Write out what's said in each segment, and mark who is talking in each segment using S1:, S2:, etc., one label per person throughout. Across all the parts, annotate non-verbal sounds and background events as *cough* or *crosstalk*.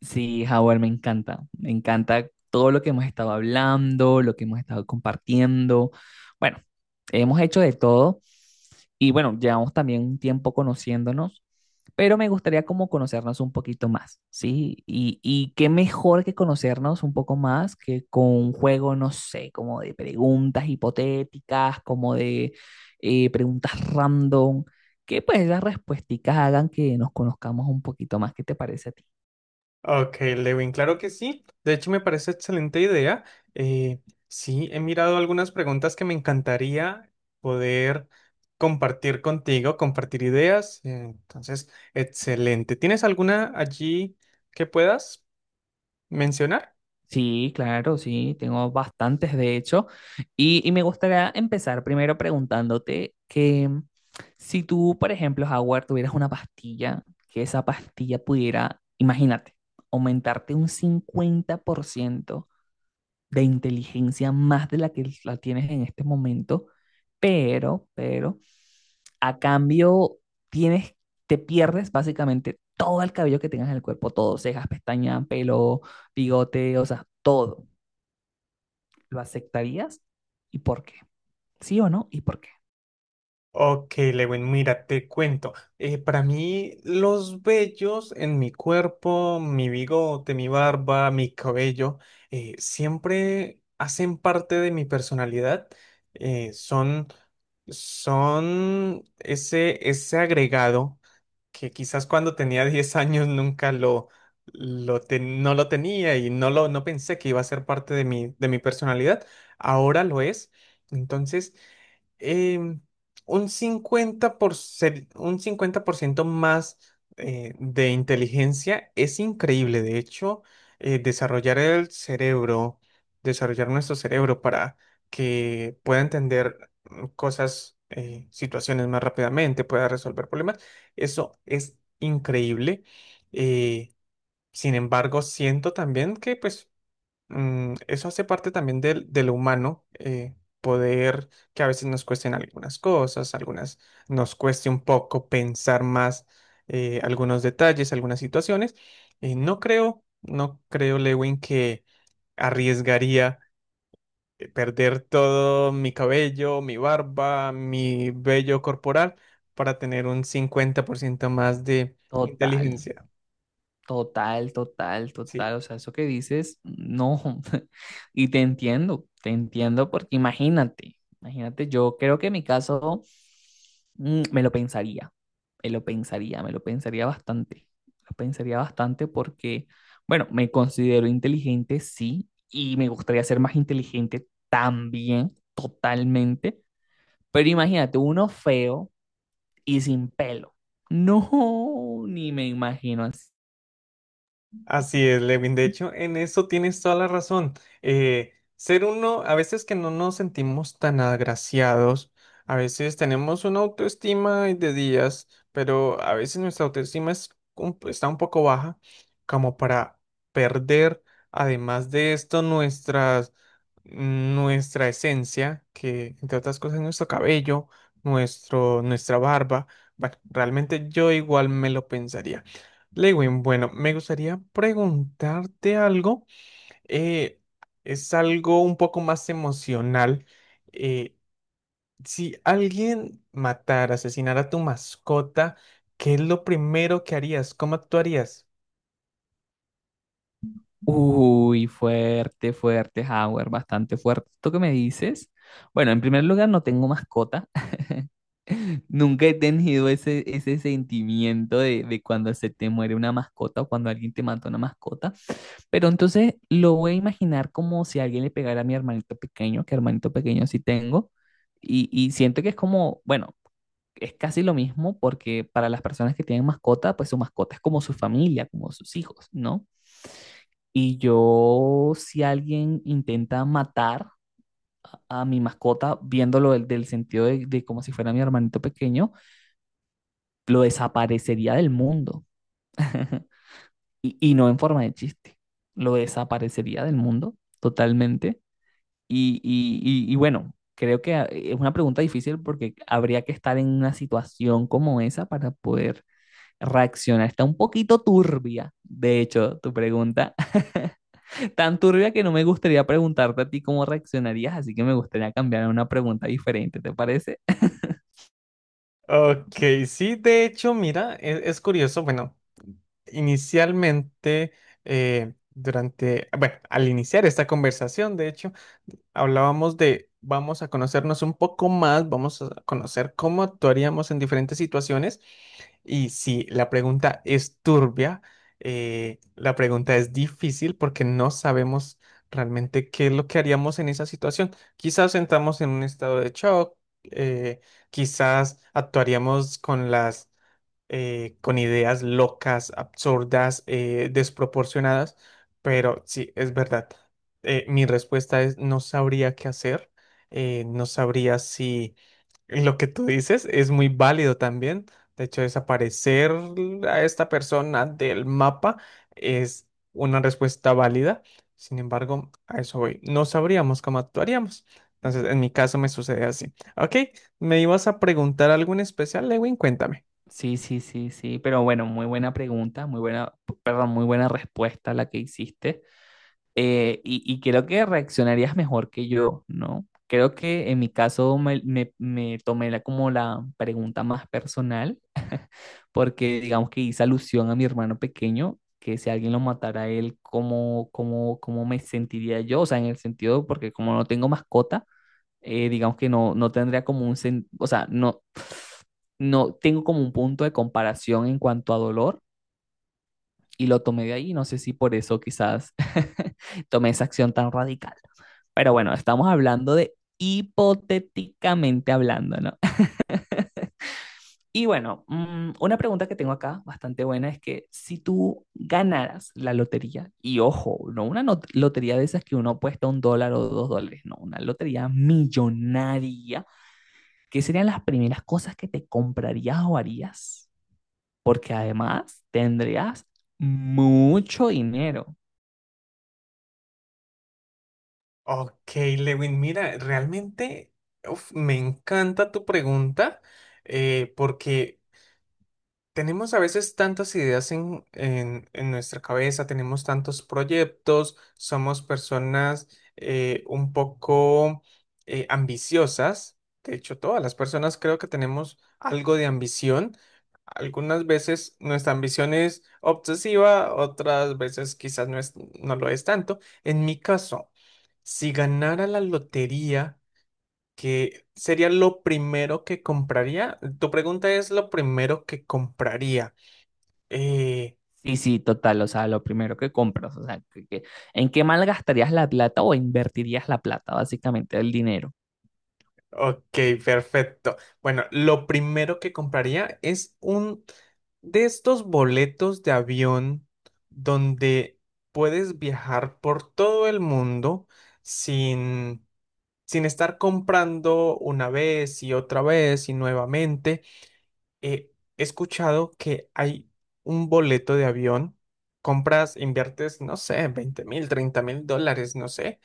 S1: Sí, Howard, me encanta. Me encanta todo lo que hemos estado hablando, lo que hemos estado compartiendo. Bueno, hemos hecho de todo y bueno, llevamos también un tiempo conociéndonos, pero me gustaría como conocernos un poquito más, ¿sí? Y qué mejor que conocernos un poco más que con un juego, no sé, como de preguntas hipotéticas, como de preguntas random, que pues las respuestas hagan que nos conozcamos un poquito más. ¿Qué te parece a ti?
S2: Ok, Lewin, claro que sí. De hecho, me parece excelente idea. Eh, sí, he mirado algunas preguntas que me encantaría poder compartir contigo, compartir ideas. Entonces, excelente. ¿Tienes alguna allí que puedas mencionar?
S1: Sí, claro, sí, tengo bastantes de hecho. Y me gustaría empezar primero preguntándote que si tú, por ejemplo, Howard, tuvieras una pastilla, que esa pastilla pudiera, imagínate, aumentarte un 50% de inteligencia más de la que la tienes en este momento, pero, a cambio tienes, te pierdes básicamente todo el cabello que tengas en el cuerpo, todo, cejas, pestañas, pelo, bigote, o sea, todo. ¿Lo aceptarías? ¿Y por qué? ¿Sí o no? ¿Y por qué?
S2: Ok, Lewin, mira, te cuento. Para mí, los vellos en mi cuerpo, mi bigote, mi barba, mi cabello, siempre hacen parte de mi personalidad. Eh, son, son ese agregado que quizás cuando tenía *laughs* 10 años nunca lo, no lo tenía y no pensé que iba a ser parte de mi personalidad. Ahora lo es. Entonces, em, un 50% más de inteligencia es increíble. De hecho, desarrollar el cerebro, desarrollar nuestro cerebro para que pueda entender cosas, situaciones más rápidamente, pueda resolver problemas, eso es increíble. Eh, Sin embargo, siento también que pues eso hace parte también del, de lo humano, poder que a veces nos cuesten algunas cosas, algunas nos cueste un poco pensar más algunos detalles, algunas situaciones. No creo, Lewin, que arriesgaría perder todo mi cabello, mi barba, mi vello corporal para tener un 50% más de
S1: Total,
S2: inteligencia.
S1: total, total,
S2: Sí.
S1: total. O sea, eso que dices, no. *laughs* Y te entiendo porque imagínate, imagínate, yo creo que en mi caso me lo pensaría, me lo pensaría, me lo pensaría bastante porque, bueno, me considero inteligente, sí, y me gustaría ser más inteligente también, totalmente. Pero imagínate, uno feo y sin pelo. No, ni me imagino así.
S2: Así es, Lewin. De hecho, en eso tienes toda la razón. Ser uno, a veces que no nos sentimos tan agraciados, a veces tenemos una autoestima de días, pero a veces nuestra autoestima es está un poco baja, como para perder, además de esto, nuestra esencia, que entre otras cosas es nuestro cabello, nuestra barba. Bueno, realmente yo igual me lo pensaría. Lewin, bueno, me gustaría preguntarte algo. eh, es algo un poco más emocional. eh, si alguien matara, asesinara a tu mascota, ¿qué es lo primero que harías? ¿Cómo actuarías?
S1: Uy, fuerte, fuerte, Howard, bastante fuerte. ¿Esto que me dices? Bueno, en primer lugar, no tengo mascota. *laughs* Nunca he tenido ese sentimiento de cuando se te muere una mascota o cuando alguien te mata una mascota. Pero entonces lo voy a imaginar como si alguien le pegara a mi hermanito pequeño, que hermanito pequeño sí tengo. Y siento que es como, bueno, es casi lo mismo porque para las personas que tienen mascota, pues su mascota es como su familia, como sus hijos, ¿no? Y yo, si alguien intenta matar a mi mascota, viéndolo del sentido de como si fuera mi hermanito pequeño, lo desaparecería del mundo. *laughs* Y no en forma de chiste, lo desaparecería del mundo totalmente. Y bueno, creo que es una pregunta difícil porque habría que estar en una situación como esa para poder reaccionar. Está un poquito turbia, de hecho, tu pregunta. *laughs* Tan turbia que no me gustaría preguntarte a ti cómo reaccionarías, así que me gustaría cambiar a una pregunta diferente, ¿te parece?
S2: Ok, sí, de hecho, mira, es curioso. Bueno, inicialmente, durante, bueno, al iniciar esta conversación, de hecho, hablábamos de vamos a conocernos un poco más, vamos a conocer cómo actuaríamos en diferentes situaciones y si la pregunta es turbia, la pregunta es difícil porque no sabemos realmente qué es lo que haríamos en esa situación. Quizás entramos en un estado de shock, eh, quizás actuaríamos con las con ideas locas, absurdas, desproporcionadas, pero sí, es verdad. Mi respuesta es no sabría qué hacer, no sabría si lo que tú dices es muy válido también. De hecho, desaparecer a esta persona del mapa es una respuesta válida. Sin embargo, a eso voy. No sabríamos cómo actuaríamos. Entonces, en mi caso me sucede así. Ok, ¿me ibas a preguntar algo en especial, Lewin? Cuéntame.
S1: Sí, sí, sí, sí, pero bueno, muy buena pregunta, muy buena, perdón, muy buena respuesta la que hiciste. Y creo que reaccionarías mejor que yo, ¿no? Creo que en mi caso me tomé la, como la pregunta más personal porque digamos que hice alusión a mi hermano pequeño, que si alguien lo matara a él, ¿cómo me sentiría yo? O sea, en el sentido, porque como no tengo mascota, digamos que no tendría como un, o sea, no, no, tengo como un punto de comparación en cuanto a dolor y lo tomé de ahí, no sé si por eso quizás *laughs* tomé esa acción tan radical. Pero bueno, estamos hablando de hipotéticamente hablando, ¿no? Y bueno, una pregunta que tengo acá, bastante buena, es que si tú ganaras la lotería, y ojo, no una lotería de esas que uno apuesta $1 o $2, no, una lotería millonaria, ¿qué serían las primeras cosas que te comprarías o harías? Porque además tendrías mucho dinero.
S2: Ok, Lewin, mira, realmente uf, me encanta tu pregunta porque tenemos a veces tantas ideas en, en nuestra cabeza, tenemos tantos proyectos, somos personas un poco ambiciosas. De hecho, todas las personas creo que tenemos algo de ambición. Algunas veces nuestra ambición es obsesiva, otras veces quizás no lo es tanto. En mi caso, si ganara la lotería, ¿qué sería lo primero que compraría? Tu pregunta es lo primero que compraría. Eh,
S1: Sí, sí, total, o sea, lo primero que compras, o sea, ¿en qué malgastarías la plata o invertirías la plata, básicamente, el dinero?
S2: ok, perfecto. Bueno, lo primero que compraría es un de estos boletos de avión donde puedes viajar por todo el mundo sin, sin estar comprando una vez y otra vez y nuevamente. He escuchado que hay un boleto de avión, compras, inviertes, no sé, 20.000, $30.000, no sé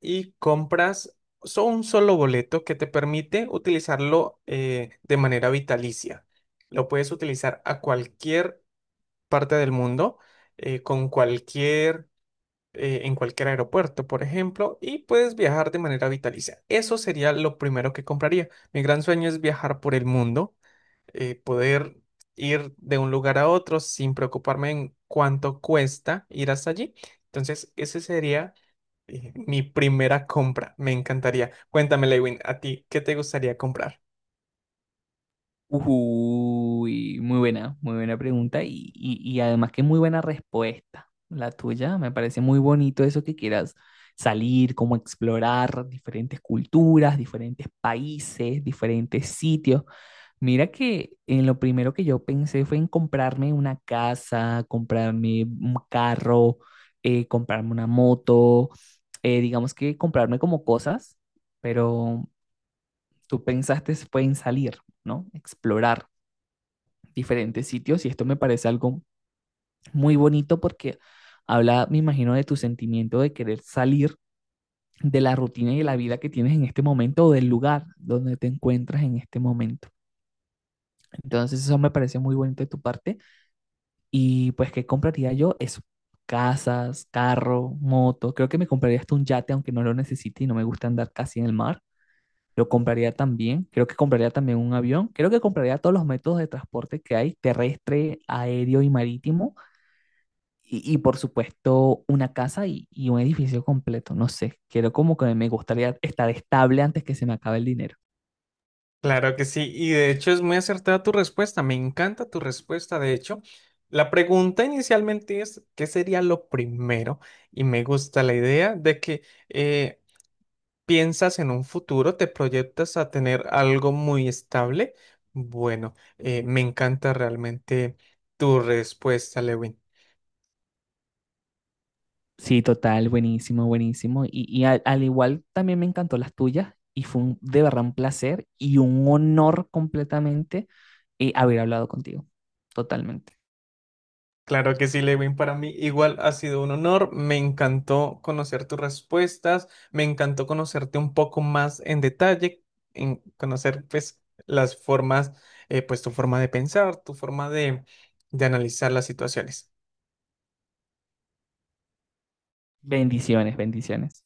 S2: y compras un solo boleto que te permite utilizarlo de manera vitalicia. Lo puedes utilizar a cualquier parte del mundo, con en cualquier aeropuerto, por ejemplo, y puedes viajar de manera vitalicia. Eso sería lo primero que compraría. Mi gran sueño es viajar por el mundo poder ir de un lugar a otro sin preocuparme en cuánto cuesta ir hasta allí. Entonces, ese sería mi primera compra. Me encantaría. Cuéntame, Lewin, ¿a ti qué te gustaría comprar?
S1: Uy, muy buena pregunta y además que muy buena respuesta la tuya. Me parece muy bonito eso que quieras salir, como explorar diferentes culturas, diferentes países, diferentes sitios. Mira que en lo primero que yo pensé fue en comprarme una casa, comprarme un carro, comprarme una moto, digamos que comprarme como cosas, pero tú pensaste fue en salir, ¿no? Explorar diferentes sitios y esto me parece algo muy bonito porque habla, me imagino, de tu sentimiento de querer salir de la rutina y de la vida que tienes en este momento o del lugar donde te encuentras en este momento. Entonces eso me parece muy bonito de tu parte y pues ¿qué compraría yo? Eso, casas, carro, moto, creo que me compraría hasta un yate aunque no lo necesite y no me gusta andar casi en el mar. Lo compraría también, creo que compraría también un avión, creo que compraría todos los métodos de transporte que hay, terrestre, aéreo y marítimo. Y, por supuesto, una casa y un edificio completo, no sé, quiero como que me gustaría estar estable antes que se me acabe el dinero.
S2: Claro que sí, y de hecho es muy acertada tu respuesta, me encanta tu respuesta, de hecho. La pregunta inicialmente es, ¿qué sería lo primero? Y me gusta la idea de que eh, piensas en un futuro, te proyectas a tener algo muy estable. Bueno, me encanta realmente tu respuesta, Lewin.
S1: Sí, total, buenísimo, buenísimo. Y al igual también me encantó las tuyas y fue de verdad un placer y un honor completamente haber hablado contigo, totalmente.
S2: Claro que sí, Lewin, para mí igual ha sido un honor. Me encantó conocer tus respuestas, me encantó conocerte un poco más en detalle, en conocer pues las formas, pues tu forma de pensar, tu forma de analizar las situaciones.
S1: Bendiciones, bendiciones.